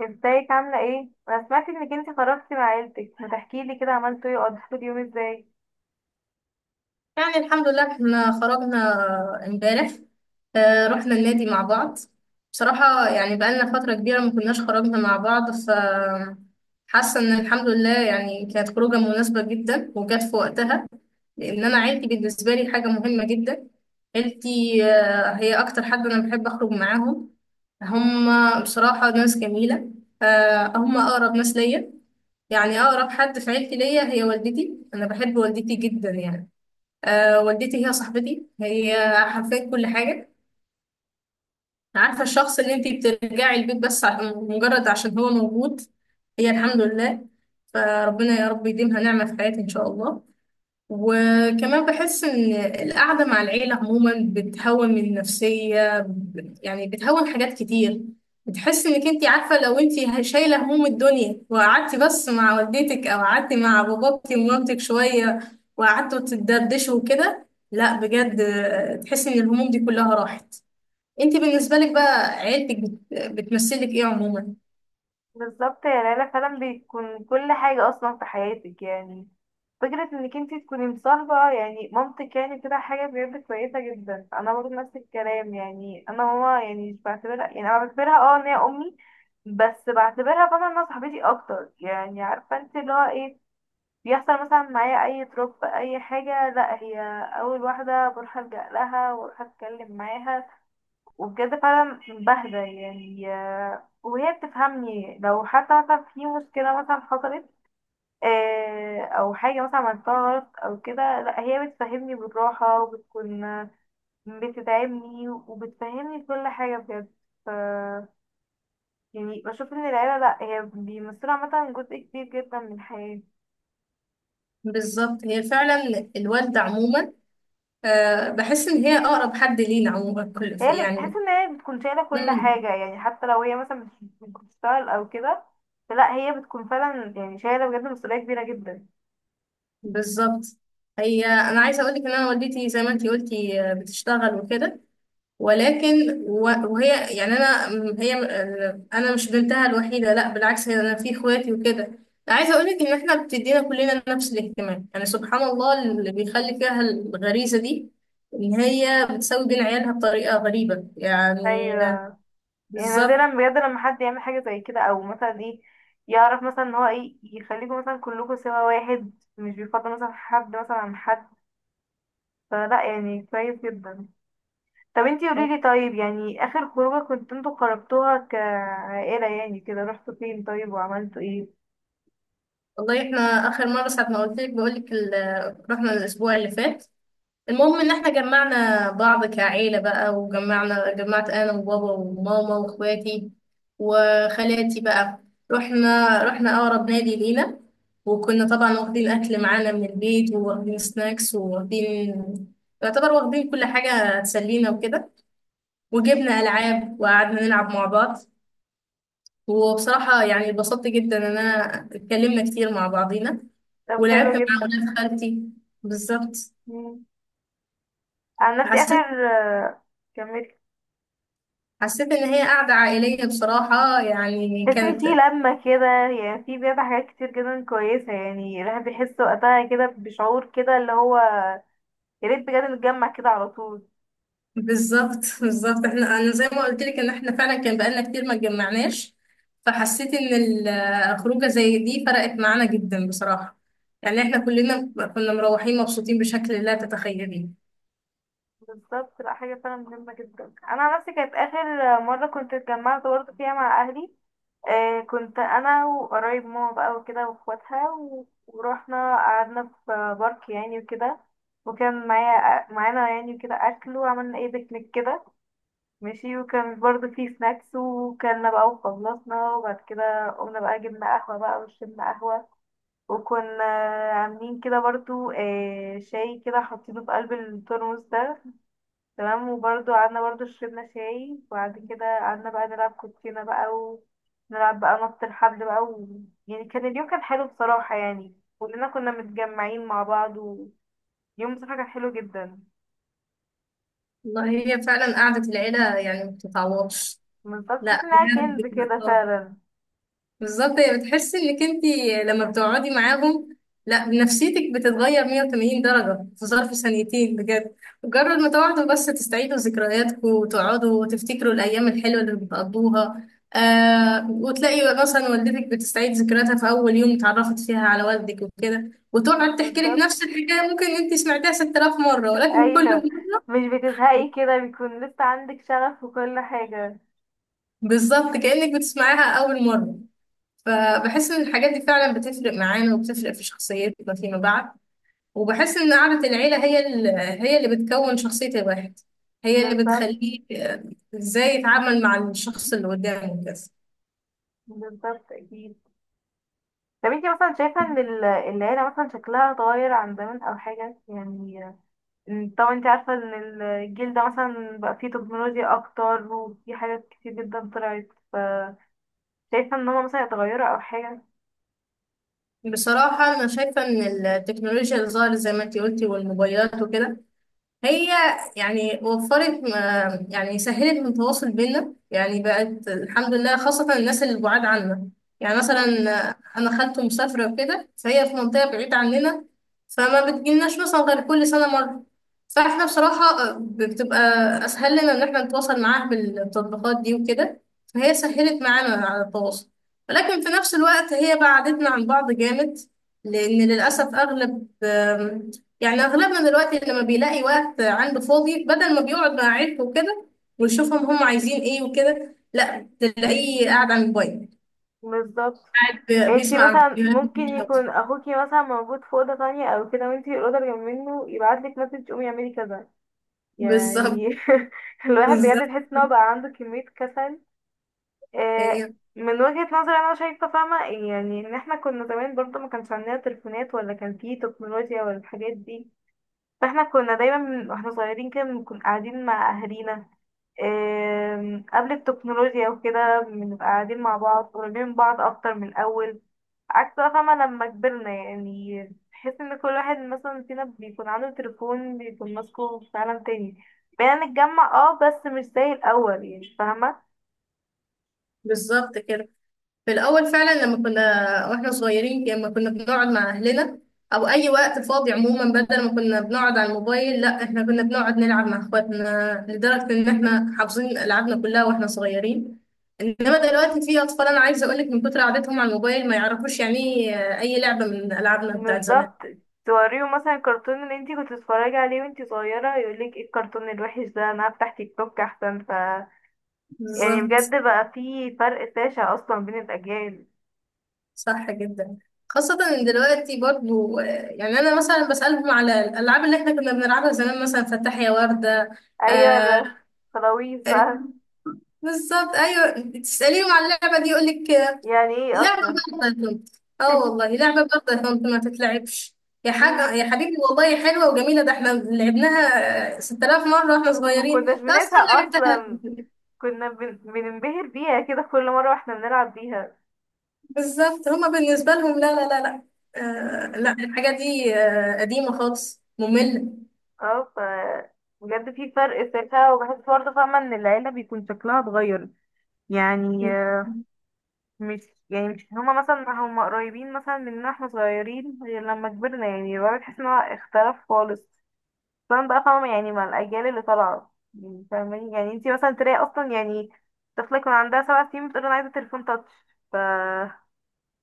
ازيك عاملة ايه؟ انا سمعت انك انتي خرجتي مع عيلتك، ما تحكيلي كده عملتوا ايه وقضيتوا اليوم ازاي؟ يعني الحمد لله احنا خرجنا امبارح. رحنا النادي مع بعض. بصراحة يعني بقالنا فترة كبيرة ما كناش خرجنا مع بعض، حاسة ان الحمد لله يعني كانت خروجة مناسبة جدا وجت في وقتها، لان انا عيلتي بالنسبة لي حاجة مهمة جدا. عيلتي هي اكتر حد انا بحب اخرج معاهم. هم بصراحة ناس جميلة. هم اقرب ناس ليا. يعني اقرب حد في عيلتي ليا هي والدتي، انا بحب والدتي جدا يعني. أه والدتي هي صاحبتي، هي حرفيا كل حاجة. عارفة الشخص اللي انتي بترجعي البيت بس مجرد عشان هو موجود؟ هي الحمد لله. فربنا يا رب يديمها نعمة في حياتي إن شاء الله. وكمان بحس إن القعدة مع العيلة عموما بتهون من النفسية، يعني بتهون حاجات كتير. بتحس إنك أنت عارفة، لو أنت شايلة هموم الدنيا وقعدتي بس مع والدتك أو قعدتي مع باباكي ومامتك شوية وقعدتوا تدردشوا وكده، لا بجد تحس إن الهموم دي كلها راحت. أنت بالنسبة لك بقى عيلتك بتمثلك إيه عموما؟ بالظبط يا ليلى، فعلا بتكون كل حاجة اصلا في حياتك. يعني فكرة انك انتي تكوني مصاحبة يعني مامتك يعني كده حاجة بجد كويسة جدا. انا برضه نفس الكلام، يعني انا ماما يعني مش بعتبرها، يعني انا بعتبرها اه ان هي امي، بس بعتبرها طبعا انها صاحبتي اكتر. يعني عارفة انت اللي هو ايه، بيحصل مثلا معايا اي دروب اي حاجه، لا هي اول واحده بروح الجا لها واروح اتكلم معاها، وبجد فعلا بهدى يعني. وهي بتفهمني لو حتى مثلا في مشكله مثلا حصلت، او حاجه مثلا عملتها غلط او كده، لا هي بتفهمني بالراحه وبتكون بتدعمني وبتفهمني كل حاجه بجد. ف يعني بشوف ان العيله لا هي بيمثلوا عامه جزء كبير جدا من الحياه. بالظبط هي فعلا الوالدة عموما. أه بحس إن هي أقرب حد لينا عموما، كل هي اللي بتحس يعني. ان هي بتكون شايله كل مم. حاجه، يعني حتى لو هي مثلا مش بتشتغل او كده، فلا هي بتكون فعلا يعني شايله بجد مسؤوليه كبيره جدا. بالظبط. هي انا عايزه اقول لك ان انا والدتي زي ما انتي قلتي بتشتغل وكده. ولكن وهي يعني انا م- هي م- آه، انا مش بنتها الوحيده، لا بالعكس، هي انا في اخواتي وكده. عايزه اقول لك ان احنا بتدينا كلنا نفس الاهتمام، يعني سبحان الله اللي بيخلي فيها الغريزه دي، ان هي بتساوي بين عيالها بطريقه غريبه يعني ايوه، يعني نادرا بالظبط. بجد لما حد يعمل حاجه زي كده، او مثلا ايه يعرف مثلا ان هو ايه يخليكم مثلا كلكم سوا واحد، مش بيفضل مثلا حد مثلا عن حد، فلا يعني كويس جدا. طب انتي قوليلي، طيب يعني اخر خروجه كنت انتوا خرجتوها كعائله يعني كده رحتوا فين طيب وعملتوا ايه؟ والله احنا اخر مره ساعه ما قلت لك بقول لك رحنا الاسبوع اللي فات. المهم ان احنا جمعنا بعض كعيلة بقى، جمعت انا وبابا وماما واخواتي وخالاتي بقى. رحنا اقرب نادي لينا. وكنا طبعا واخدين اكل معانا من البيت وواخدين سناكس وواخدين يعتبر واخدين كل حاجة تسلينا وكده. وجبنا العاب وقعدنا نلعب مع بعض. وبصراحة يعني اتبسطت جدا ان انا اتكلمنا كتير مع بعضينا طب حلو ولعبت مع ولاد خالتي. بالظبط. جدا. عن نفسي حسيت اخر كملت. حسيت ان هي قعده عائليه بصراحه، يعني تحس ان في كانت لمة كده، يعني في بجد حاجات كتير جدا كويسة. يعني الواحد بيحس وقتها كده بشعور كده اللي هو، يا ريت بجد نتجمع كده على طول. بالظبط احنا، انا زي ما قلت لك ان احنا فعلا كان بقالنا كتير ما اتجمعناش. فحسيت ان الخروجه زي دي فرقت معانا جدا بصراحه. يعني احنا كلنا كنا مروحين مبسوطين بشكل لا تتخيليه. بالظبط، لا حاجة فعلا مهمة جدا. أنا عن نفسي كانت آخر مرة كنت اتجمعت برضه فيها مع أهلي. آه، كنت أنا وقرايب ماما بقى وكده وأخواتها ورحنا قعدنا في بارك يعني وكده، وكان معايا معانا يعني وكده أكل، وعملنا ايه بيكنيك كده، ماشي. وكان برضه في سناكس، وكلنا بقى وخلصنا، وبعد كده قمنا بقى جبنا قهوة بقى وشربنا قهوة. وكنا عاملين كده برضه شاي كده حاطينه في قلب الترمس ده، تمام، وبرضه قعدنا برضه شربنا شاي. وبعد كده قعدنا بقى نلعب كوتشينة بقى، ونلعب بقى نط الحبل بقى و... يعني كان اليوم كان حلو بصراحة. يعني كلنا كنا متجمعين مع بعض، ويوم بصراحة كان حلو جدا. والله هي فعلا قعده العيله يعني ما بتتعوضش. بالظبط، تحس لا انها كنز بجد. كده فعلا. بالظبط. هي بتحسي انك انت لما بتقعدي معاهم، لا نفسيتك بتتغير 180 درجة في ظرف ثانيتين بجد. مجرد ما تقعدوا بس تستعيدوا ذكرياتكم وتقعدوا وتفتكروا الأيام الحلوة اللي بتقضوها. آه، وتلاقي مثلا والدتك بتستعيد ذكرياتها في أول يوم اتعرفت فيها على والدك وكده، وتقعد تحكي لك بالظبط، نفس الحكاية، ممكن انت سمعتها 6000 مرة ولكن كل ايوه، مرة مش بتزهقي كده، بيكون لسه عندك شغف وكل حاجة. بالظبط كأنك بتسمعيها أول مرة. فبحس إن الحاجات دي فعلا بتفرق معانا وبتفرق في شخصيتنا فيما بعد. وبحس ان قعدة العيلة هي اللي بتكون شخصية الواحد. هي اللي بالظبط، بتخليه ازاي يتعامل مع الشخص اللي قدامه كده. بالظبط اكيد. طب انتي مثلا شايفة ان العيلة مثلا شكلها اتغير عن زمان او حاجة يعني؟ طبعا انتي عارفة ان الجيل ده مثلا بقى فيه تكنولوجيا اكتر، وفي حاجات كتير جدا طلعت. شايفة ان هما مثلا اتغيروا او حاجة؟ بصراحة أنا شايفة إن التكنولوجيا اللي ظهرت زي ما أنتي قلتي والموبايلات وكده، هي يعني وفرت يعني سهلت من التواصل بينا، يعني بقت الحمد لله خاصة الناس اللي بعاد عنا. يعني مثلا مم. أنا خالته مسافرة وكده، فهي في منطقة بعيدة عننا، فما بتجيلناش مثلا غير كل سنة مرة. فاحنا بصراحة بتبقى أسهل لنا إن احنا نتواصل معاها بالتطبيقات دي وكده. فهي سهلت معانا على التواصل، ولكن في نفس الوقت هي بعدتنا عن بعض جامد. لأن للأسف أغلب يعني اغلبنا دلوقتي لما بيلاقي وقت عنده فاضي، بدل ما بيقعد مع عيلته وكده ويشوفهم هم عايزين ايه وكده، لا تلاقيه قاعد على الموبايل. بالظبط، قاعد انتي بيسمع مثلا ممكن فيديوهات. يكون اخوكي مثلا موجود في اوضه تانية او كده، وانتي الاوضه اللي جنب منه، يبعتلك مسج قومي اعملي كذا، بالظبط. يعني. الواحد بجد بالظبط تحس ان هو بقى عنده كمية كسل. آه، ايه. من وجهة نظري انا شايفة فاهمة، يعني ان احنا كنا زمان برضه ما كانش عندنا تليفونات، ولا كان فيه تكنولوجيا ولا الحاجات دي. فاحنا كنا دايما واحنا صغيرين كده بنكون قاعدين مع اهالينا. قبل التكنولوجيا وكده بنبقى قاعدين مع بعض، قريبين من بعض اكتر من الاول. عكس بقى، فاهمة، لما كبرنا يعني، تحس ان كل واحد مثلا فينا بيكون عنده تليفون، بيكون ماسكه في عالم تاني. بقينا نتجمع اه بس مش زي الأول، يعني فاهمة. بالظبط كده. في الأول فعلا لما كنا واحنا صغيرين، لما كنا بنقعد مع أهلنا أو أي وقت فاضي عموما، بدل ما كنا بنقعد على الموبايل، لا احنا كنا بنقعد نلعب مع اخواتنا، لدرجة إن احنا حافظين ألعابنا كلها واحنا صغيرين. إنما دلوقتي في أطفال، أنا عايزة أقولك من كتر قعدتهم على الموبايل ما يعرفوش يعني إيه أي لعبة من ألعابنا بتاعت زمان. بالظبط، توريه مثلا الكرتون اللي انتي كنت بتتفرجي عليه وانتي صغيرة، يقولك ايه الكرتون الوحش ده، انا هفتح تيك توك احسن. يعني بالظبط. بجد بقى في فرق شاسع اصلا بين الأجيال. صح جدا. خاصة إن دلوقتي برضو يعني أنا مثلا بسألهم على الألعاب اللي احنا كنا بنلعبها زمان، مثلا فتح يا وردة. ايوه آه. لا، خلاويص بقى. بالظبط، ايوه. تساليهم على اللعبه دي يقول لك يعني ايه لعبه اصلا؟ برضه يا طنط؟ اه والله لعبه برضه يا طنط ما تتلعبش، يا حاجه مم. يا حبيبي والله حلوه وجميله، ده احنا لعبناها 6000 مره واحنا صغيرين، مكناش ده اصلا بنزهق لعبتها. اصلا، كنا بننبهر بيها كده كل مرة واحنا بنلعب بيها. بالظبط. هما بالنسبه لهم، لا لا لا لا، آه لا الحاجه دي آه قديمه خالص ممله. اه. بجد في فرق ساعتها، وبحس برضه فاهمة ان العيلة بيكون شكلها اتغير. يعني آه، مش يعني مش هما مثلا، هما قريبين مثلا مننا احنا صغيرين غير لما كبرنا، يعني بقى بتحس ان هو اختلف خالص. خصوصا بقى، فاهمة، يعني مع الأجيال اللي طالعة، يعني فاهماني، يعني انتي مثلا تلاقي اصلا يعني طفلة يكون عندها سبع سنين بتقول انا عايزة تليفون تاتش. ف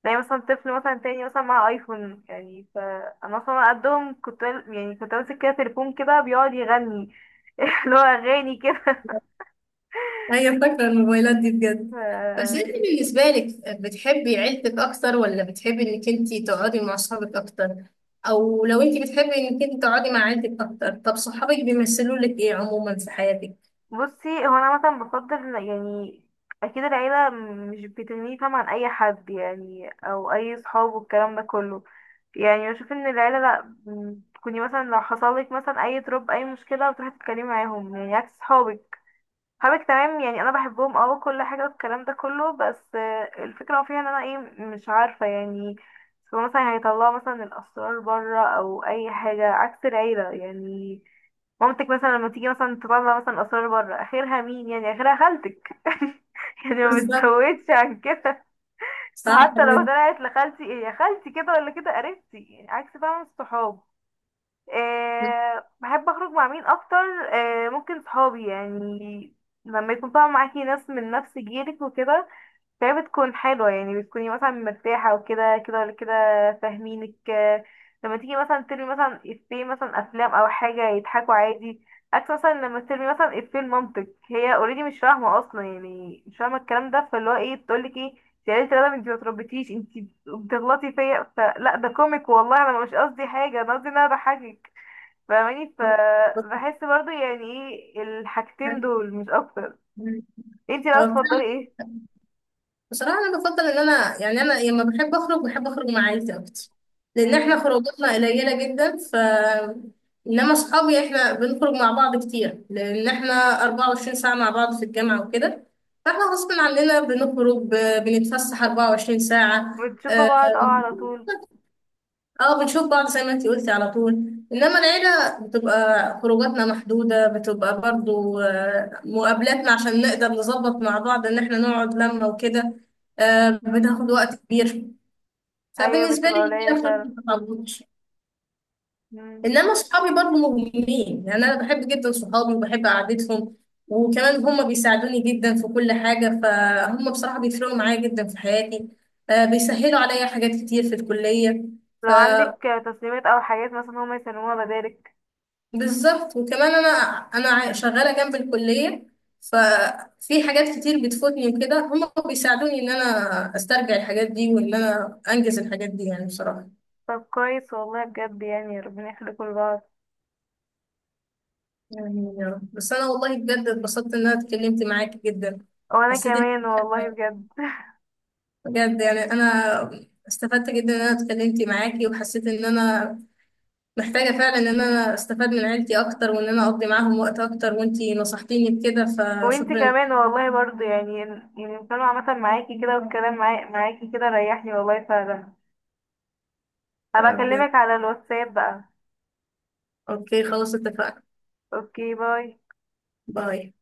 زي مثلا طفل مثلا تاني مثلا مع ايفون. يعني فانا اصلا قدهم كنت يعني كنت ماسك كده تليفون كده بيقعد يغني، اللي هو اغاني كده. ايوه فاكره الموبايلات دي بجد. بس انت ف- بالنسبه لك بتحبي عيلتك اكتر ولا بتحبي انك انت تقعدي مع اصحابك اكتر؟ او لو انت بتحبي انك انت تقعدي مع عيلتك اكتر، طب صحابك بيمثلوا لك ايه عموما في حياتك؟ بصي، هو انا مثلا بفضل يعني اكيد العيله مش بتغني، فاهمة، عن اي حد يعني او اي صحاب والكلام ده كله. يعني بشوف ان العيله لا، تكوني مثلا لو حصل لك مثلا اي تروب اي مشكله بتروحي تتكلمي معاهم، يعني عكس صحابك. حبك تمام يعني انا بحبهم اه كل حاجه والكلام ده كله، بس الفكره فيها ان انا ايه، مش عارفه، يعني هو مثلا هيطلعوا مثلا الاسرار بره او اي حاجه، عكس العيله يعني. مامتك مثلا لما تيجي مثلا تطلع مثلا اسرار بره، اخرها مين يعني؟ اخرها خالتك. يعني ما بالظبط. بتزودش عن كده. صح فحتى لو جدا. طلعت لخالتي، ايه يا خالتي كده ولا كده، قريبتي يعني، عكس فعلا الصحاب. أه، بحب اخرج مع مين اكتر؟ أه ممكن صحابي يعني، لما يكون طبعا معاكي ناس من نفس جيلك وكده، فهي بتكون حلوة يعني، بتكوني مثلا مرتاحة وكده كده ولا كده، فاهمينك. لما تيجي مثلا ترمي مثلا افيه مثلا افلام او حاجة يضحكوا عادي، عكس مثلا لما ترمي مثلا افيه لمامتك، هي اوريدي مش فاهمة اصلا، يعني مش فاهمة الكلام ده، فاللي هو ايه بتقولك ايه يا ريت يا رنا انتي ما تربيتيش انتي بتغلطي فيا، فلا ده كوميك والله، انا مش قصدي حاجة، انا قصدي ان انا بضحكك، فاهماني. فبحس برضو يعني ايه الحاجتين دول مش اكتر. انتي لو اه، تفضلي ايه؟ بصراحة أنا بفضل إن أنا يعني أنا لما بحب أخرج بحب أخرج مع عيلتي أكتر، لأن مم. إحنا خروجاتنا قليلة جدا. إنما أصحابي، إحنا بنخرج مع بعض كتير لأن إحنا 24 ساعة مع بعض في الجامعة وكده. فإحنا غصب عننا بنخرج بنتفسح 24 ساعة. بتشوفوا بعض اه على طول. اه بنشوف بعض زي ما انتي قلتي على طول. انما العيلة بتبقى خروجاتنا محدودة، بتبقى برضو مقابلاتنا عشان نقدر نظبط مع بعض ان احنا نقعد لما وكده. مم. بناخد وقت كبير. ايوه، فبالنسبة لي بتبقى قليلة العيلة بصراحة فعلا. ما بتعوضش. مم. انما صحابي برضو مهمين، يعني انا بحب جدا صحابي وبحب قعدتهم. وكمان هم بيساعدوني جدا في كل حاجة، فهم بصراحة بيفرقوا معايا جدا في حياتي. بيسهلوا عليا حاجات كتير في الكلية. لو ف عندك تسليمات او حاجات مثلا هما يسلموها بدالك. بالظبط. وكمان انا، شغاله جنب الكليه. ففي حاجات كتير بتفوتني وكده، هم بيساعدوني ان انا استرجع الحاجات دي وان انا انجز الحاجات دي يعني بصراحه. طب كويس والله، بجد يعني ربنا يخليكوا لبعض. يعني يا رب. بس انا والله بجد اتبسطت ان انا اتكلمت معاكي جدا. وانا حسيت ان كمان والله بجد. بجد يعني انا استفدت جدا ان انا اتكلمت معاكي، وحسيت ان انا محتاجه فعلا ان انا استفاد من عيلتي اكتر وان انا اقضي معاهم وقت اكتر، وانتي نصحتيني بكده، وانتي فشكرا. كمان والله برضو يعني، يعني الكلام عامة معاكي كده، والكلام معاكي كده ريحني والله فعلا. هبقى انا بجد. اكلمك على الواتساب بقى. اوكي خلاص اتفقنا. اوكي، باي. باي.